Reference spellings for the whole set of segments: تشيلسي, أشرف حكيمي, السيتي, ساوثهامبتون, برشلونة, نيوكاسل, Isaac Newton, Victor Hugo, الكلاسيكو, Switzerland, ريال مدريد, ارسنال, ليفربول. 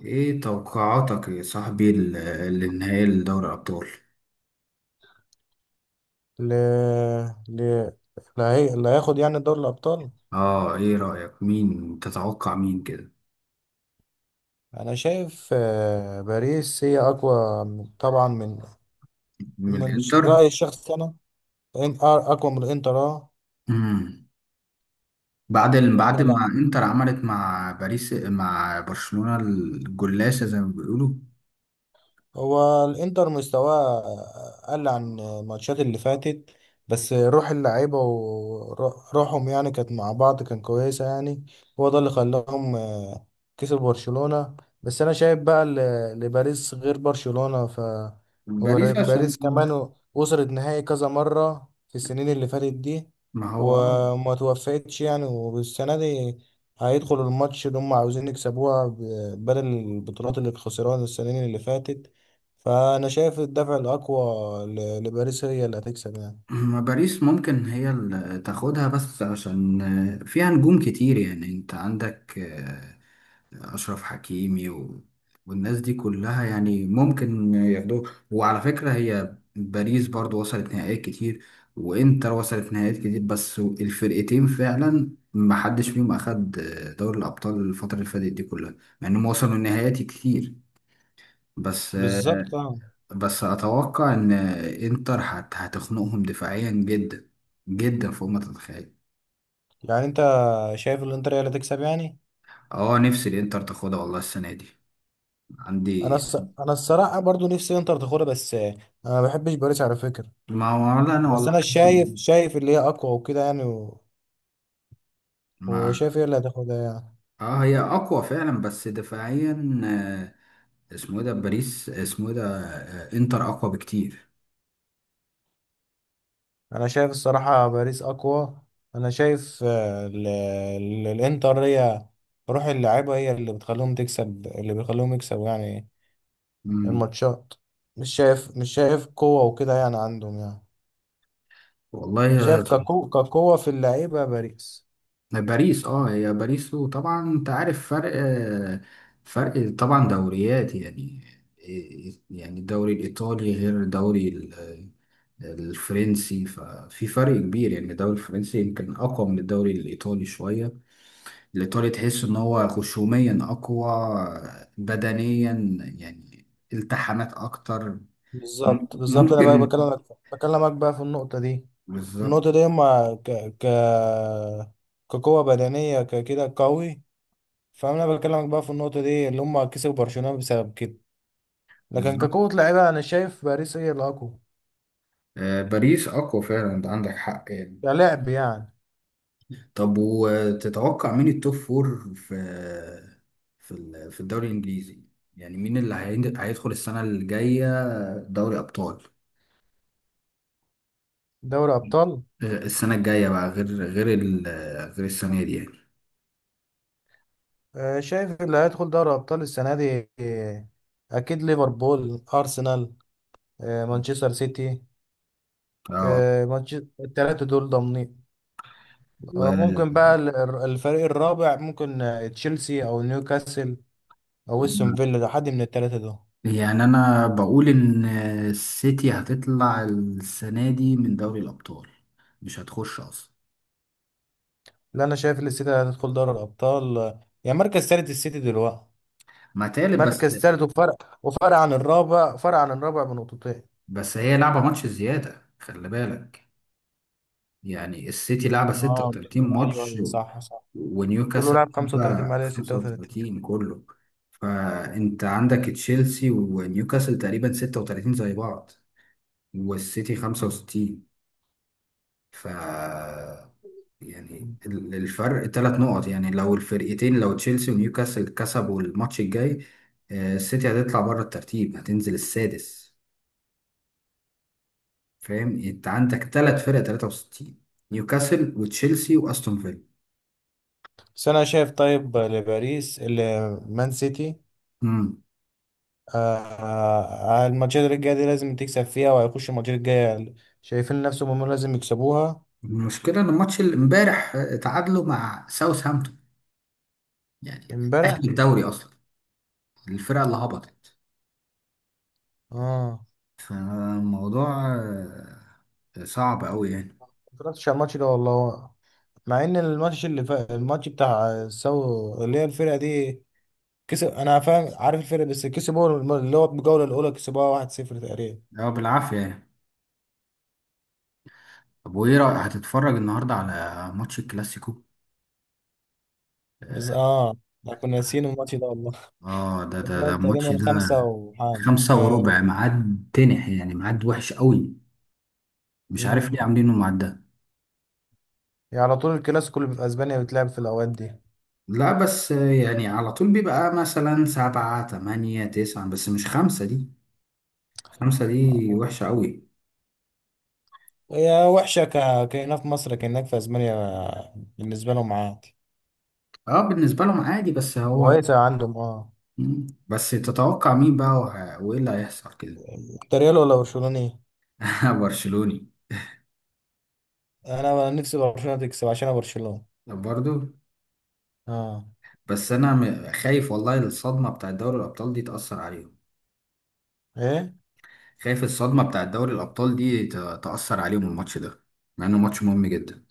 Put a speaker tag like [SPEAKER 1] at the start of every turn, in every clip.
[SPEAKER 1] ايه توقعاتك يا صاحبي للنهائي لدوري الابطال؟
[SPEAKER 2] ل... ل... اللي هياخد يعني دوري الأبطال.
[SPEAKER 1] اه، ايه رايك؟ مين تتوقع مين كده؟
[SPEAKER 2] أنا شايف باريس هي أقوى طبعا
[SPEAKER 1] من الانتر؟
[SPEAKER 2] رأيي الشخصي أنا، أقوى من الإنتر.
[SPEAKER 1] امم بعد ما انتر عملت مع باريس مع برشلونة الجلاسة زي ما بيقولوا.
[SPEAKER 2] هو الانتر مستواه قل عن الماتشات اللي فاتت، بس روح اللعيبة وروحهم يعني كانت مع بعض كان كويسة يعني. هو ده اللي خلاهم كسب برشلونة. بس أنا شايف بقى لباريس غير برشلونة.
[SPEAKER 1] باريس عشان.
[SPEAKER 2] وباريس كمان وصلت نهائي كذا مرة في السنين اللي فاتت دي،
[SPEAKER 1] ما هو اه.
[SPEAKER 2] وما توفقتش يعني. والسنة دي هيدخلوا الماتش اللي هم عاوزين يكسبوها، بدل البطولات اللي خسروها السنين اللي فاتت. فانا شايف الدفع الاقوى لباريس، هي اللي هتكسب يعني.
[SPEAKER 1] ما باريس ممكن هي اللي تاخدها بس عشان فيها نجوم كتير، يعني انت عندك أشرف حكيمي والناس دي كلها، يعني ممكن ياخدوه. وعلى فكرة هي باريس برضو وصلت نهائيات كتير، وإنتر وصلت نهائيات كتير، بس الفرقتين فعلا محدش فيهم أخد دوري الأبطال الفترة اللي فاتت دي كلها، مع إنهم وصلوا نهائيات كتير. بس
[SPEAKER 2] بالظبط، اه.
[SPEAKER 1] بس أتوقع إن إنتر هتخنقهم دفاعيا جدا جدا فوق ما تتخيل.
[SPEAKER 2] يعني انت شايف الانتر هي اللي هتكسب يعني.
[SPEAKER 1] اه، نفسي الإنتر تاخدها والله السنة دي.
[SPEAKER 2] انا
[SPEAKER 1] عندي.
[SPEAKER 2] الص... انا الصراحه برضو نفسي انتر تاخدها، بس انا ما بحبش باريس على فكره.
[SPEAKER 1] ما هو لا أنا
[SPEAKER 2] بس
[SPEAKER 1] والله.
[SPEAKER 2] انا شايف اللي هي اقوى وكده يعني،
[SPEAKER 1] ما
[SPEAKER 2] وشايف هي اللي هتاخدها يعني.
[SPEAKER 1] اه هي اقوى فعلا بس دفاعيا. آه، اسمه ايه ده؟ باريس اسمه ايه ده؟ انتر اقوى بكتير.
[SPEAKER 2] انا شايف الصراحه باريس اقوى. انا شايف، الانتر هي روح اللعيبه، هي اللي بتخليهم تكسب، اللي بيخليهم يكسبوا يعني
[SPEAKER 1] مم.
[SPEAKER 2] الماتشات. مش شايف قوة وكده يعني عندهم يعني.
[SPEAKER 1] والله
[SPEAKER 2] شايف كقوة، كقوة في اللعيبة باريس.
[SPEAKER 1] باريس، اه هي باريس، وطبعا انت عارف فرق، فرق طبعا دوريات يعني. يعني الدوري الايطالي غير الدوري الفرنسي، ففي فرق كبير، يعني الدوري الفرنسي يمكن اقوى من الدوري الايطالي شوية. الإيطالي تحس إن هو خشوميا أقوى، بدنيا يعني، التحامات أكتر.
[SPEAKER 2] بالظبط، بالظبط. انا بقى
[SPEAKER 1] ممكن.
[SPEAKER 2] بكلمك، بكلمك بقى في النقطة دي، النقطة
[SPEAKER 1] بالظبط
[SPEAKER 2] دي، اما ك ك كقوة بدنية ككده قوي. فانا بكلمك بقى في النقطة دي اللي هم كسبوا برشلونة بسبب كده. لكن
[SPEAKER 1] بالظبط
[SPEAKER 2] كقوة لعيبة، انا شايف باريس هي الاقوى
[SPEAKER 1] باريس أقوى فعلا، أنت عندك حق يعني.
[SPEAKER 2] كلعب يعني.
[SPEAKER 1] طب وتتوقع مين التوب فور في في في الدوري الإنجليزي؟ يعني مين اللي هيدخل السنة الجاية دوري أبطال؟
[SPEAKER 2] دوري ابطال.
[SPEAKER 1] السنة الجاية بقى، غير غير السنة دي يعني.
[SPEAKER 2] شايف اللي هيدخل دوري ابطال السنة دي، اكيد ليفربول، ارسنال، مانشستر سيتي،
[SPEAKER 1] اه.
[SPEAKER 2] مانشستر، التلاتة دول ضامنين.
[SPEAKER 1] و.
[SPEAKER 2] ممكن بقى الفريق الرابع، ممكن تشيلسي أو نيوكاسل أو استون فيلا، ده حد من التلاتة دول.
[SPEAKER 1] يعني انا بقول ان السيتي هتطلع السنه دي من دوري الابطال، مش هتخش اصلا.
[SPEAKER 2] لا، أنا شايف إن السيتي هتدخل دوري الأبطال، يعني مركز تالت السيتي دلوقتي.
[SPEAKER 1] ما تالت بس.
[SPEAKER 2] مركز تالت، وفرق عن الرابع، فرق عن الرابع بنقطتين.
[SPEAKER 1] بس هي لعبه ماتش زياده خلي بالك، يعني السيتي لعبه
[SPEAKER 2] اه،
[SPEAKER 1] 36
[SPEAKER 2] ايوه
[SPEAKER 1] ماتش
[SPEAKER 2] ايوه، صح صح، كله
[SPEAKER 1] ونيوكاسل
[SPEAKER 2] لعب 35، ما
[SPEAKER 1] لعبه
[SPEAKER 2] عليه 36.
[SPEAKER 1] 35 كله. فانت عندك تشيلسي ونيوكاسل تقريبا 36 زي بعض، والسيتي 65. ف. يعني الفرق ثلاث نقط يعني، لو الفرقتين، لو تشيلسي ونيوكاسل كسبوا الماتش الجاي السيتي هتطلع بره الترتيب، هتنزل السادس. فاهم؟ انت عندك ثلاث فرق 63: نيوكاسل وتشيلسي واستون فيلا.
[SPEAKER 2] بس انا شايف، طيب لباريس، مان سيتي
[SPEAKER 1] امم
[SPEAKER 2] الماتشات الجاية دي لازم تكسب فيها، وهيخش الماتشات الجاية شايفين نفسهم هم لازم يكسبوها.
[SPEAKER 1] المشكله ان الماتش اللي امبارح تعادلوا مع ساوثهامبتون، يعني اهل
[SPEAKER 2] امبارح؟
[SPEAKER 1] الدوري اصلا، الفرقه اللي هبطت.
[SPEAKER 2] اه.
[SPEAKER 1] فالموضوع صعب قوي يعني.
[SPEAKER 2] ما اتفرجتش على الماتش ده والله، مع ان الماتش اللي فات، الماتش بتاع سو اللي هي الفرقة دي، كسب، انا فاهم عارف الفرقة، بس كسبوا اللي هو الجولة الاولى، كسبوها 1-0 تقريبا.
[SPEAKER 1] اه، بالعافيه يعني. طب وايه رايك؟ هتتفرج النهارده على ماتش الكلاسيكو؟
[SPEAKER 2] بس اه، احنا كنا ناسيين الماتش ده والله.
[SPEAKER 1] اه، ده ده ده
[SPEAKER 2] بتلعب
[SPEAKER 1] الماتش
[SPEAKER 2] تقريبا
[SPEAKER 1] ده.
[SPEAKER 2] خمسة وحاجة.
[SPEAKER 1] خمسة
[SPEAKER 2] آه.
[SPEAKER 1] وربع ميعاد تنح، يعني ميعاد وحش قوي. مش عارف
[SPEAKER 2] مم.
[SPEAKER 1] ليه عاملينه الميعاد ده.
[SPEAKER 2] يعني على طول الكلاسيكو اللي في اسبانيا بتلعب في الاوقات دي.
[SPEAKER 1] لا بس يعني على طول بيبقى مثلا سبعة تمانية تسعة، بس مش خمسة دي، خمسة دي
[SPEAKER 2] آه.
[SPEAKER 1] وحشة قوي.
[SPEAKER 2] هي وحشة كهنا في مصر، كأنك في أسبانيا بالنسبة لهم عادي.
[SPEAKER 1] اه، بالنسبة لهم عادي بس هو.
[SPEAKER 2] كويسة عندهم، اه.
[SPEAKER 1] مم. بس تتوقع مين بقى؟ وايه اللي هيحصل كده؟
[SPEAKER 2] أنت ريال ولا برشلوني؟
[SPEAKER 1] برشلوني.
[SPEAKER 2] أنا نفسي برشلونة تكسب عشان أنا برشلونة.
[SPEAKER 1] برضو.
[SPEAKER 2] اه.
[SPEAKER 1] بس انا خايف والله الصدمة بتاع دوري الابطال دي تأثر عليهم.
[SPEAKER 2] ايه
[SPEAKER 1] خايف الصدمة بتاعت دوري الأبطال دي تأثر عليهم الماتش ده، مع إنه ماتش مهم جدا.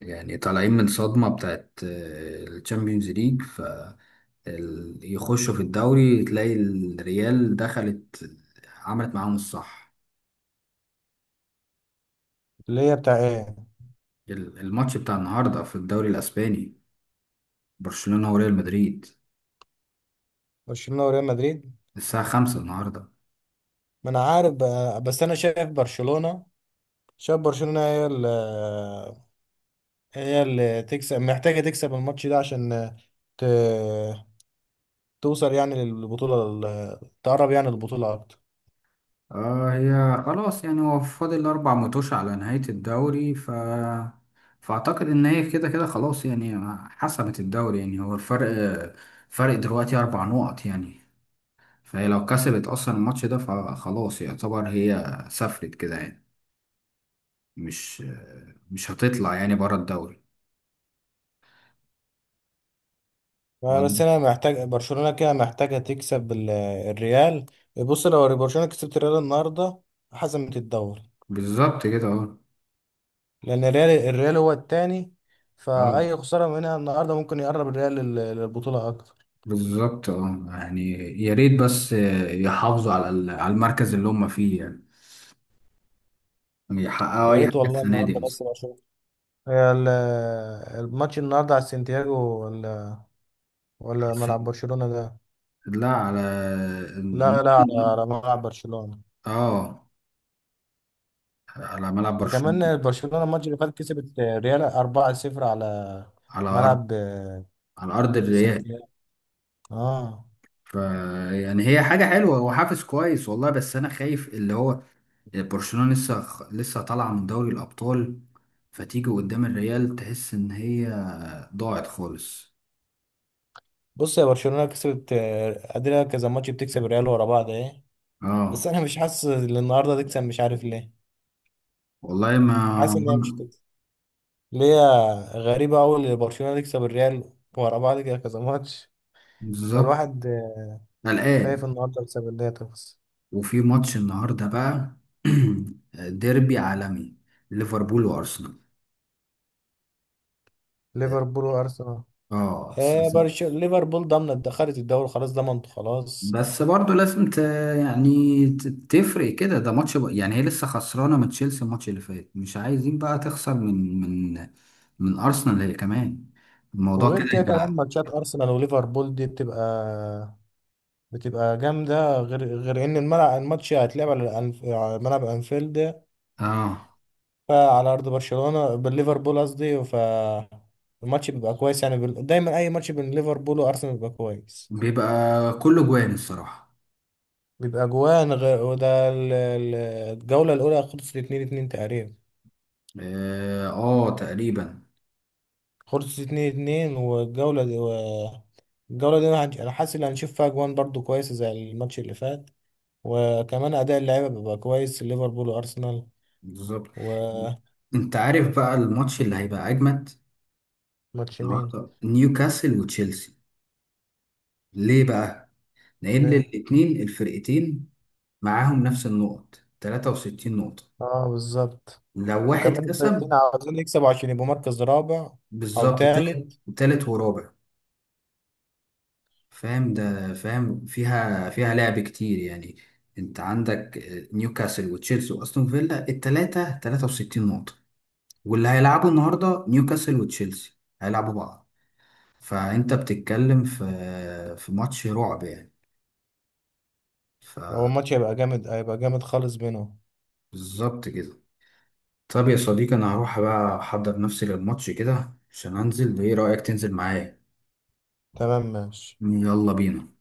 [SPEAKER 1] يعني طالعين من صدمة بتاعت الشامبيونز ليج، ف يخشوا في الدوري، تلاقي الريال دخلت عملت معاهم الصح.
[SPEAKER 2] اللي هي بتاع إيه؟
[SPEAKER 1] الماتش بتاع النهاردة في الدوري الأسباني، برشلونة وريال مدريد،
[SPEAKER 2] برشلونة وريال مدريد.
[SPEAKER 1] الساعة خمسة النهاردة.
[SPEAKER 2] ما أنا عارف بقى، بس أنا شايف برشلونة، شايف برشلونة هي اللي هي اللي تكسب، محتاجة تكسب الماتش ده عشان ت... توصل يعني للبطولة، تقرب يعني للبطولة أكتر.
[SPEAKER 1] آه، هي خلاص يعني، هو فاضل أربع متوش على نهاية الدوري، فأعتقد إن هي كده كده خلاص يعني، حسمت الدوري، يعني هو الفرق، فرق دلوقتي أربع نقط يعني. فهي لو كسبت أصلا الماتش ده فخلاص، يعتبر هي سافرت كده يعني. مش مش هتطلع يعني بره الدوري.
[SPEAKER 2] ما بس
[SPEAKER 1] ولا-
[SPEAKER 2] انا محتاج برشلونه كده، محتاجه تكسب الريال. بص، لو برشلونه كسبت الريال النهارده، حسمت الدوري،
[SPEAKER 1] بالظبط كده اه.
[SPEAKER 2] لان الريال هو التاني.
[SPEAKER 1] اه،
[SPEAKER 2] فاي خساره منها النهارده ممكن يقرب الريال للبطوله اكتر.
[SPEAKER 1] بالظبط اه يعني. يا ريت بس يحافظوا على على المركز اللي هم فيه يعني، يحققوا
[SPEAKER 2] يا
[SPEAKER 1] أي
[SPEAKER 2] ريت
[SPEAKER 1] حاجة
[SPEAKER 2] والله
[SPEAKER 1] السنة
[SPEAKER 2] النهارده
[SPEAKER 1] دي
[SPEAKER 2] بس
[SPEAKER 1] أصلا.
[SPEAKER 2] برشلونه. هي الماتش النهارده على سانتياغو ولا ملعب برشلونه ده؟
[SPEAKER 1] لا، على
[SPEAKER 2] لا لا،
[SPEAKER 1] الموسم
[SPEAKER 2] على
[SPEAKER 1] ده.
[SPEAKER 2] على ملعب برشلونه.
[SPEAKER 1] اه، على ملعب
[SPEAKER 2] ده
[SPEAKER 1] برشلونة.
[SPEAKER 2] كمان برشلونه الماتش اللي فات كسبت الريال 4-0 على
[SPEAKER 1] على ارض،
[SPEAKER 2] ملعب
[SPEAKER 1] على ارض الريال.
[SPEAKER 2] سانتياغو، اه.
[SPEAKER 1] ف يعني هي حاجة حلوة وحافز كويس والله، بس انا خايف اللي هو برشلونة لسه لسه طالعة من دوري الابطال، فتيجي قدام الريال تحس ان هي ضاعت خالص.
[SPEAKER 2] بص، يا برشلونة كسبت، قادرة كذا ماتش بتكسب الريال ورا بعض، ايه. بس
[SPEAKER 1] اه،
[SPEAKER 2] انا مش حاسس ان النهارده تكسب، مش عارف ليه.
[SPEAKER 1] والله ما.
[SPEAKER 2] حاسس ان هي مش تكسب. ليه؟ غريبة أوي إن برشلونة تكسب الريال ورا بعض كده كذا ماتش.
[SPEAKER 1] بالظبط،
[SPEAKER 2] فالواحد خايف
[SPEAKER 1] قلقان.
[SPEAKER 2] النهارده بسبب ان هي تخلص.
[SPEAKER 1] وفي ماتش النهارده بقى ديربي عالمي، ليفربول وارسنال.
[SPEAKER 2] ليفربول وارسنال.
[SPEAKER 1] اه.
[SPEAKER 2] ايه، ليفربول ضامنة، دخلت الدوري خلاص، ضمنت خلاص.
[SPEAKER 1] بس برضه لازم يعني ت- تفرق كده، ده ماتش يعني هي لسه خسرانه من تشيلسي الماتش اللي فات، مش عايزين بقى تخسر من من من ارسنال هي كمان. الموضوع
[SPEAKER 2] وغير
[SPEAKER 1] كده
[SPEAKER 2] كده، كمان
[SPEAKER 1] يبقى.
[SPEAKER 2] ماتشات ارسنال وليفربول دي بتبقى جامدة، غير ان الملعب، الماتش هيتلعب على على ملعب انفيلد.
[SPEAKER 1] اه،
[SPEAKER 2] فعلى ارض برشلونه، بالليفربول قصدي. الماتش بيبقى كويس يعني، دايما اي ماتش بين ليفربول وارسنال بيبقى كويس.
[SPEAKER 1] بيبقى كله جوان الصراحه.
[SPEAKER 2] بيبقى اجوان، غير وده الجوله الاولى خلصت 2-2 تقريبا.
[SPEAKER 1] اه، آه، تقريبا.
[SPEAKER 2] خلصت 2-2. الجوله دي، أنا حاسس ان هنشوف فيها اجوان برضو كويسه زي الماتش اللي فات، وكمان اداء اللعيبه بيبقى كويس، ليفربول وارسنال.
[SPEAKER 1] بالظبط،
[SPEAKER 2] وماتش.
[SPEAKER 1] انت عارف بقى الماتش اللي هيبقى اجمد
[SPEAKER 2] مين؟
[SPEAKER 1] النهارده؟ نيوكاسل وتشيلسي. ليه بقى؟ لان
[SPEAKER 2] ليه؟
[SPEAKER 1] الاتنين الفرقتين معاهم نفس النقط 63 نقطه.
[SPEAKER 2] اه، بالظبط.
[SPEAKER 1] لو واحد
[SPEAKER 2] وكمان الفرقتين
[SPEAKER 1] كسب.
[SPEAKER 2] عاوزين يكسبوا عشان يبقوا مركز رابع او
[SPEAKER 1] بالظبط تالت.
[SPEAKER 2] ثالث.
[SPEAKER 1] تالت ورابع. فاهم؟ ده فاهم فيها لعب كتير يعني. انت عندك نيوكاسل وتشيلسي واستون فيلا التلاتة 63 نقطة، واللي هيلعبوا النهارده نيوكاسل وتشيلسي هيلعبوا بعض. فانت بتتكلم في ماتش رعب يعني.
[SPEAKER 2] هو
[SPEAKER 1] فبالظبط
[SPEAKER 2] الماتش هيبقى جامد، هيبقى جامد خالص بينهم.
[SPEAKER 1] كده. طب يا صديقي، انا هروح بقى احضر نفسي للماتش كده عشان انزل، ايه رأيك تنزل معايا؟
[SPEAKER 2] تمام، ماشي.
[SPEAKER 1] يلا بينا.